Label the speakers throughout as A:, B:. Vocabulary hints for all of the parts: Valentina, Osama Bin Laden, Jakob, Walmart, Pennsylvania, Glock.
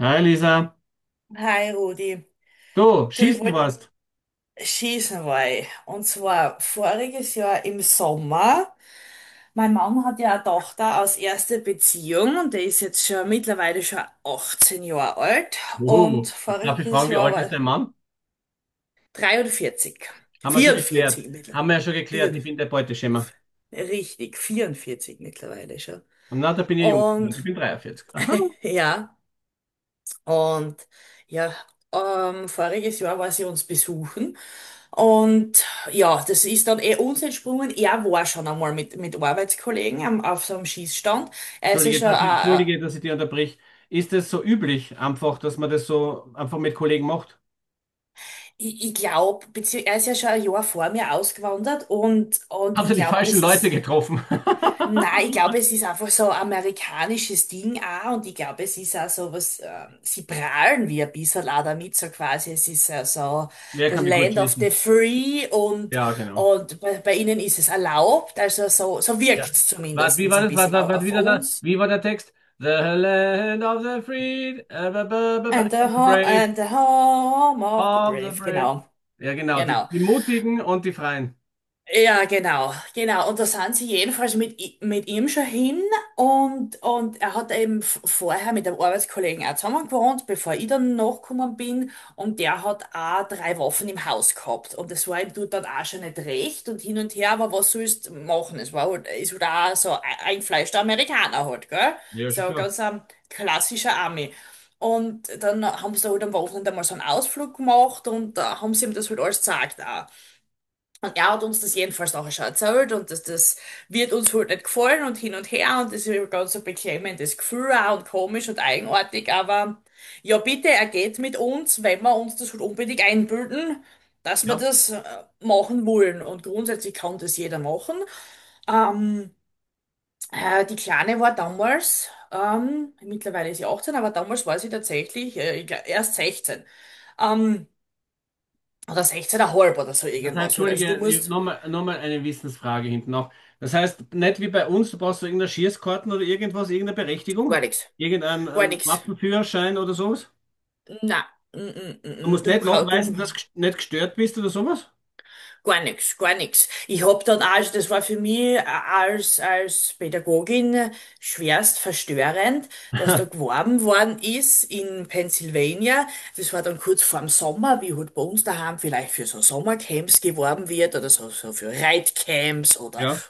A: Hi Lisa,
B: Hi Rudi,
A: du,
B: du, ich
A: schießen
B: wollte
A: warst.
B: schießen, weil, und zwar voriges Jahr im Sommer, mein Mann hat ja eine Tochter aus erster Beziehung und der ist jetzt schon mittlerweile schon 18 Jahre alt und
A: Oh, darf ich
B: voriges
A: fragen, wie
B: Jahr
A: alt ist
B: war
A: dein Mann?
B: 43,
A: Haben wir schon geklärt.
B: 44 mittlerweile,
A: Haben wir ja schon geklärt, ich
B: vier,
A: bin der Beuteschema.
B: richtig, 44 mittlerweile schon.
A: Na, da bin ich jung, ich
B: Und
A: bin 43. Aha.
B: ja, und ja, Voriges Jahr war sie uns besuchen. Und ja, das ist dann eh uns entsprungen. Er war schon einmal mit Arbeitskollegen am, auf so einem Schießstand. Er ist ja
A: Entschuldige,
B: schon,
A: dass ich, Entschuldige, dass ich dich unterbrich. Ist es so üblich, einfach, dass man das so einfach mit Kollegen macht?
B: ich glaube, er ist ja schon ein Jahr vor mir ausgewandert und
A: Habt
B: ich
A: ihr die
B: glaube,
A: falschen
B: das ist.
A: Leute getroffen?
B: Nein, ich glaube, es ist einfach so ein amerikanisches Ding auch und ich glaube, es ist auch so was, sie prahlen wie ein bisschen auch damit, so quasi, es ist ja so
A: Wer
B: the
A: kann wie gut
B: land of the
A: schießen?
B: free und,
A: Ja, genau.
B: und bei ihnen ist es erlaubt, also so
A: Ja.
B: wirkt's
A: Wart, wie
B: zumindest so
A: war
B: ein
A: das? Wart,
B: bisschen
A: wart, wart,
B: auf
A: wieder da?
B: uns.
A: Wie war der Text? The land of the free, and the
B: And the, ho
A: brave.
B: and the home of the
A: Of the
B: brave,
A: brave.
B: genau,
A: Ja, genau, die,
B: genau.
A: die Mutigen und die Freien.
B: Ja, genau, genau. Und da sind sie jedenfalls mit, mit ihm schon hin und er hat eben vorher mit einem Arbeitskollegen auch zusammen gewohnt, bevor ich dann nachgekommen bin und der hat auch drei Waffen im Haus gehabt und das war ihm dort dann auch schon nicht recht und hin und her, aber was sollst du machen? Es war halt, ist halt auch so ein eingefleischter Amerikaner halt, gell?
A: Ja, schon
B: So
A: klar.
B: ganz ein klassischer Ami. Und dann haben sie da halt am Wochenende mal so einen Ausflug gemacht und da haben sie ihm das halt alles gezeigt auch. Und er hat uns das jedenfalls nachher schon erzählt und dass das wird uns halt nicht gefallen und hin und her und das ist ein ganz ein beklemmendes Gefühl auch und komisch und eigenartig, aber ja bitte, er geht mit uns, wenn wir uns das halt unbedingt einbilden, dass wir
A: Ja.
B: das machen wollen und grundsätzlich kann das jeder machen. Ähm, Die Kleine war damals, mittlerweile ist sie 18, aber damals war sie tatsächlich ich glaub, erst 16. Ähm, oder 16,5 oder so
A: Das heißt,
B: irgendwas halt. Also du
A: Entschuldige,
B: musst
A: nochmal eine Wissensfrage hinten noch. Das heißt, nicht wie bei uns, du brauchst so irgendeine Schießkarten oder irgendwas, irgendeine Berechtigung,
B: gar nichts,
A: irgendeinen
B: gar
A: einen
B: nichts.
A: Waffenführerschein oder sowas.
B: Na,
A: Du musst
B: du,
A: nicht
B: du,
A: nachweisen, dass du nicht gestört bist oder sowas.
B: gar nichts, gar nichts. Ich hab dann auch, das war für mich als, als Pädagogin schwerst verstörend, dass da geworben worden ist in Pennsylvania. Das war dann kurz vorm Sommer, wie halt bei uns daheim vielleicht für so Sommercamps geworben wird oder so, so für Reitcamps oder
A: Ja.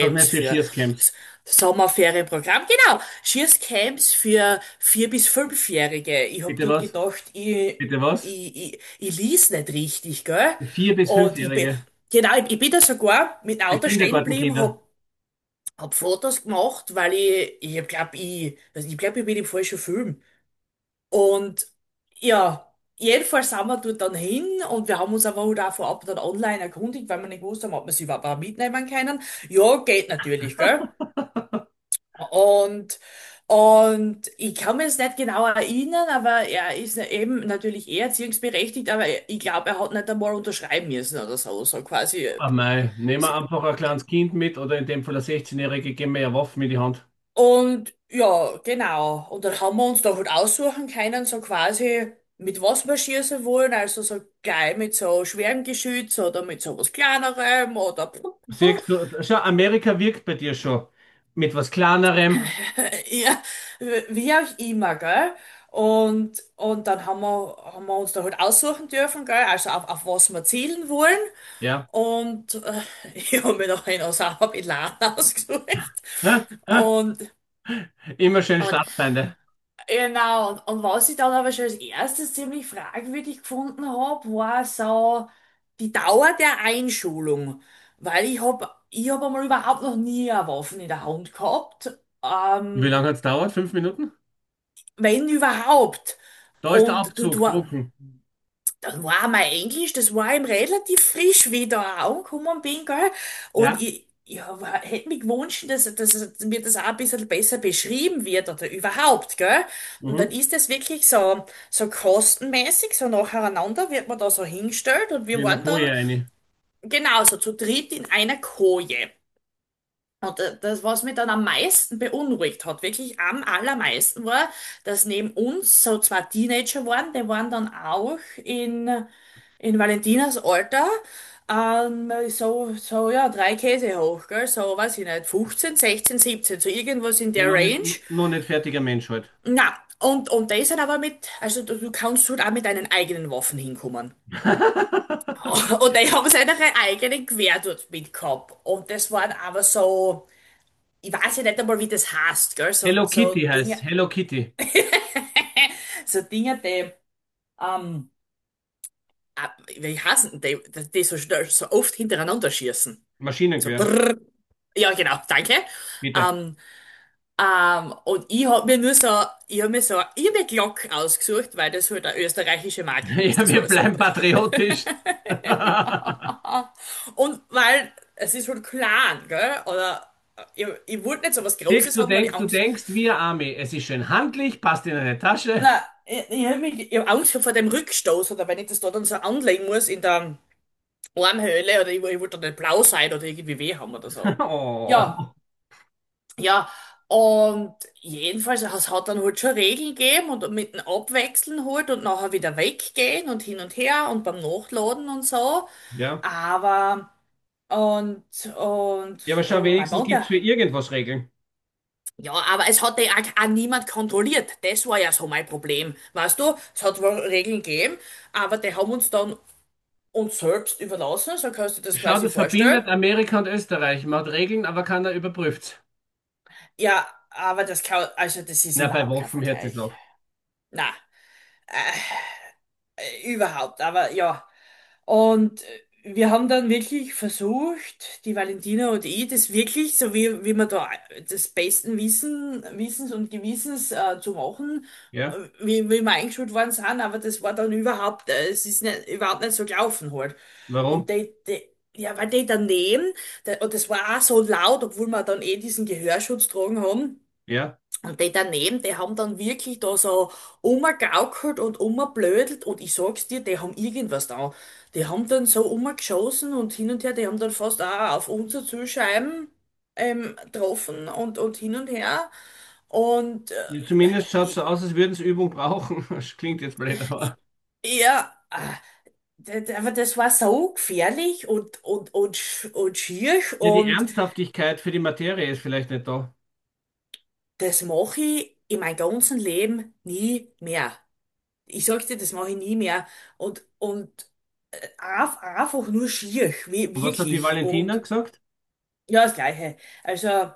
A: Sag nicht für
B: für
A: Schießcamps.
B: S- Sommerferienprogramm. Genau, Schießcamps für vier- bis fünfjährige. Ich hab
A: Bitte
B: dort
A: was?
B: gedacht, ich
A: Bitte was?
B: ich, ich, ich lies nicht richtig, gell?
A: Für Vier- bis
B: Und ich bin,
A: Fünfjährige.
B: genau, ich bin da sogar mit dem
A: Für
B: Auto stehen geblieben,
A: Kindergartenkinder.
B: hab, hab Fotos gemacht, weil ich glaub, ich bin im falschen Film. Und ja, Jedenfalls sind wir dort dann hin und wir haben uns aber halt auch vorab dann online erkundigt, weil wir nicht gewusst haben, ob wir sie überhaupt mitnehmen können. Ja, geht natürlich, gell? Und, und ich kann mir jetzt nicht genau erinnern, aber er ist ja eben natürlich eh erziehungsberechtigt, aber ich glaube, er hat nicht einmal unterschreiben müssen oder so, so quasi.
A: Ah, mei, nehmen wir einfach ein kleines Kind mit oder in dem Fall ein 16-Jährige, geben wir ja Waffen in die Hand.
B: Und ja, genau. Und dann haben wir uns da halt aussuchen können, so quasi, mit was wir schießen wollen, also so gleich mit so schwerem Geschütz oder mit so was Kleinerem oder puh, puh, puh.
A: Siehst du, schau, Amerika wirkt bei dir schon. Mit was Kleinerem,
B: Ja, wie auch immer, gell? Haben wir uns da halt aussuchen dürfen, gell? Also auf was wir zielen wollen.
A: ja.
B: Und ich habe mir noch einen Osama Bin Laden ausgesucht.
A: Hä? Hä?
B: Und,
A: Immer schön
B: und
A: Staatsfeinde.
B: genau, und was ich dann aber schon als erstes ziemlich fragwürdig gefunden habe, war so die Dauer der Einschulung. Weil ich hab einmal überhaupt noch nie eine Waffe in der Hand gehabt.
A: Wie
B: Ähm,
A: lange hat's dauert? Fünf Minuten?
B: Wenn überhaupt.
A: Da ist der
B: Und
A: Abzug, drucken.
B: dann war mein Englisch, das war ihm relativ frisch, wie ich da auch angekommen bin, gell? Und
A: Ja?
B: ich hätte mir gewünscht, dass mir das auch ein bisschen besser beschrieben wird oder überhaupt, gell? Und dann
A: Mhm.
B: ist das wirklich so kostenmäßig, so nacheinander wird man da so hingestellt und wir
A: In der
B: waren
A: Koje
B: dann
A: eine.
B: genauso zu dritt in einer Koje. Und das, was mich dann am meisten beunruhigt hat, wirklich am allermeisten war, dass neben uns so zwei Teenager waren, die waren dann auch in, in Valentinas Alter, so, so, ja, drei Käse hoch, gell, so, weiß ich nicht, 15, 16, 17, so irgendwas in
A: Ja,
B: der Range.
A: noch nicht fertiger Mensch halt.
B: Na, und die sind aber mit, also du kannst halt auch mit deinen eigenen Waffen hinkommen. Und die haben seine eigenen Gewehr dort mitgehabt. Und das waren aber so, ich weiß ja nicht einmal, wie das heißt, gell? So,
A: Hello
B: so
A: Kitty heißt
B: Dinge,
A: Hello Kitty.
B: so Dinge, ähm, ah, wie heißen die, die so schnell, so oft hintereinander schießen. So
A: Maschinengewehr,
B: brrr. Ja, genau, danke.
A: bitte.
B: Ähm, und ich hab mir so eine irre Glock ausgesucht, weil das halt eine österreichische Marke ist.
A: Ja, wir
B: Also
A: bleiben patriotisch.
B: und weil es ist halt klein, gell? Oder ich wollte nicht so was
A: Dirk,
B: Großes haben, weil ich
A: du
B: Angst.
A: denkst wir Armee. Es ist schön handlich, passt in eine Tasche.
B: Nein, ich hab Angst gehabt vor dem Rückstoß oder wenn ich das da dann so anlegen muss in der Armhöhle oder ich wollte dann nicht blau sein oder irgendwie weh haben oder so. Ja,
A: Oh.
B: ja. Und jedenfalls, es hat dann halt schon Regeln gegeben und mit dem Abwechseln halt und nachher wieder weggehen und hin und her und beim Nachladen und so.
A: Ja.
B: Aber, und,
A: Ja, aber schau,
B: oh, mein
A: wenigstens
B: Mann,
A: gibt es
B: der.
A: für irgendwas Regeln.
B: Ja, aber es hat ja auch niemand kontrolliert. Das war ja so mein Problem. Weißt du, es hat wohl Regeln gegeben, aber die haben uns dann uns selbst überlassen, so kannst du dir das
A: Schau,
B: quasi
A: das
B: vorstellen.
A: verbindet Amerika und Österreich. Man hat Regeln, aber keiner überprüft's.
B: Ja, aber das kann, also das ist
A: Na, bei
B: überhaupt kein
A: Waffen hört es
B: Vergleich.
A: auf.
B: Na, überhaupt, aber ja. Und wir haben dann wirklich versucht, die Valentina und ich, das wirklich, so wie, wie wir da das besten Wissens und Gewissens zu machen, äh,
A: Ja.
B: wie, wie wir eingeschult worden sind, aber das war dann überhaupt, es ist nicht, überhaupt nicht so gelaufen halt.
A: Warum?
B: Und die, ja, weil die daneben, der, und das war auch so laut, obwohl wir dann eh diesen Gehörschutz tragen haben,
A: Ja.
B: und die daneben, die haben dann wirklich da so rumgegaukelt und rumgeblödelt und ich sag's dir, die haben irgendwas da. Die haben dann so rumgeschossen und hin und her, die haben dann fast auch auf unsere Zielscheiben getroffen und hin und her. Und
A: Ja, zumindest schaut so
B: ich,
A: aus, als würden sie Übung brauchen. Das klingt jetzt blöd, aber.
B: ich, ja, ah, d- d- aber das war so gefährlich und schier
A: Ja, die
B: und
A: Ernsthaftigkeit für die Materie ist vielleicht nicht da.
B: das mache ich in meinem ganzen Leben nie mehr. Ich sag dir, das mache ich nie mehr. Und, und Einfach nur schier,
A: Und was hat die
B: wirklich.
A: Valentina
B: Und
A: gesagt?
B: ja, das Gleiche. Also,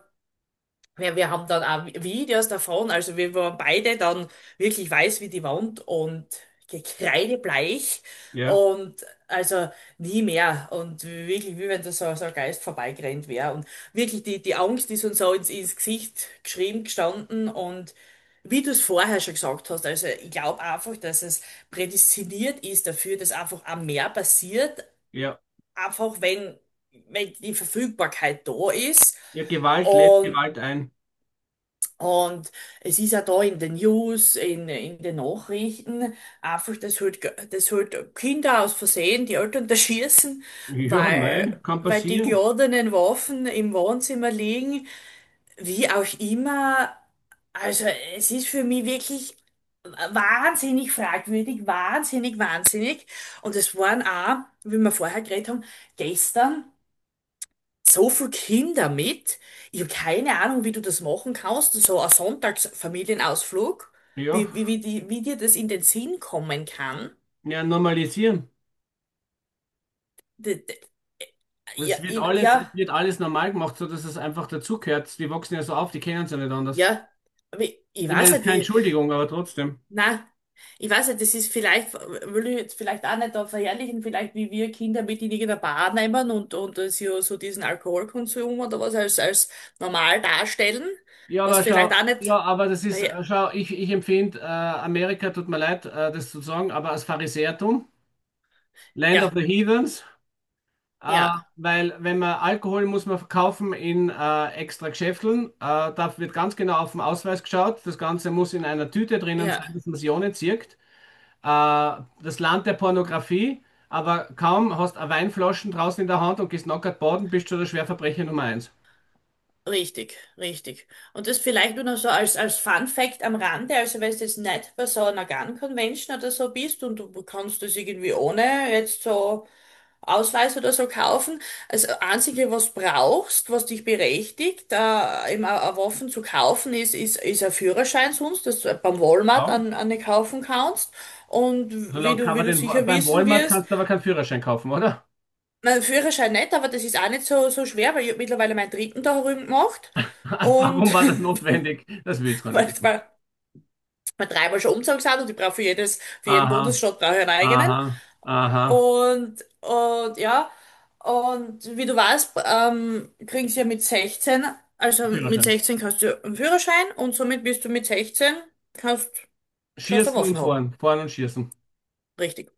B: wir haben dann auch Videos davon, also wir waren beide dann wirklich weiß wie die Wand und gekreidebleich
A: Ja.
B: und also nie mehr. Und wirklich, wie wenn da so ein Geist vorbeigerannt wäre. Und wirklich, die Angst ist uns so ins Gesicht geschrieben gestanden und wie du es vorher schon gesagt hast, also ich glaube einfach, dass es prädestiniert ist dafür, dass einfach auch mehr passiert,
A: Ja.
B: einfach wenn die Verfügbarkeit da ist.
A: Ja, Gewalt lädt
B: Und,
A: Gewalt ein.
B: und Es ist ja da in den News, in den Nachrichten, einfach, dass halt Kinder aus Versehen die Eltern da schießen,
A: Ja, mei, kann
B: weil die
A: passieren.
B: geladenen Waffen im Wohnzimmer liegen. Wie auch immer, also es ist für mich wirklich wahnsinnig fragwürdig, wahnsinnig, wahnsinnig. Und es waren auch, wie wir vorher geredet haben, gestern so viele Kinder mit. Ich habe keine Ahnung, wie du das machen kannst. So ein Sonntagsfamilienausflug,
A: Ja.
B: wie dir das in den Sinn kommen kann.
A: Ja, normalisieren.
B: D- d- Ja,
A: Es wird alles normal gemacht, so dass es einfach dazugehört. Die wachsen ja so auf, die kennen es ja nicht anders.
B: ja. Aber ich
A: Ich meine,
B: weiß
A: es ist
B: nicht,
A: keine
B: wie.
A: Entschuldigung, aber trotzdem.
B: Na, ich weiß nicht, das ist vielleicht, will ich jetzt vielleicht auch nicht da verherrlichen, vielleicht wie wir Kinder mit in irgendeiner Bar nehmen und so diesen Alkoholkonsum oder was als normal darstellen,
A: Ja,
B: was
A: aber schau,
B: vielleicht auch nicht.
A: ja, aber das ist,
B: verher-
A: schau, ich empfinde, Amerika, tut mir leid, das zu sagen, aber als Pharisäertum, Land of
B: Ja,
A: the Heathens, äh,
B: ja,
A: weil wenn man Alkohol muss man verkaufen in extra Geschäfteln, da wird ganz genau auf den Ausweis geschaut, das Ganze muss in einer Tüte drinnen sein,
B: ja.
A: dass man sie ohne zieht. Das Land der Pornografie, aber kaum hast du Weinflaschen draußen in der Hand und gehst nackert baden, bist du der Schwerverbrecher Nummer eins.
B: Richtig, richtig. Und das vielleicht nur noch so als Fun Fact am Rande, also wenn du jetzt nicht bei so einer Gun Convention oder so bist und du kannst das irgendwie ohne jetzt so Ausweis oder so kaufen. Also Einzige, was brauchst, was dich berechtigt, eben a Waffen zu kaufen, ist ein Führerschein sonst, dass du beim Walmart
A: Ja.
B: an, eine kaufen kannst. Und
A: Solange kann
B: wie
A: man
B: du
A: den,
B: sicher
A: beim
B: wissen
A: Walmart
B: wirst,
A: kannst du aber keinen Führerschein kaufen, oder?
B: mein Führerschein nicht, aber das ist auch nicht so schwer, weil ich hab mittlerweile meinen dritten da drüben gemacht.
A: Warum
B: Und
A: war das notwendig? Das will ich gar nicht
B: weil
A: wissen.
B: mal dreimal schon umgezogen sind und ich brauche für jeden
A: Aha,
B: Bundesstaat brauche ich einen eigenen.
A: aha, aha.
B: Ja, und wie du weißt, kriegst du ja mit 16, also mit
A: Führerschein.
B: 16 kannst du einen Führerschein und somit bist du mit 16, kannst, kannst du
A: Schießen und
B: Waffen haben.
A: fahren, fahren und schießen.
B: Richtig.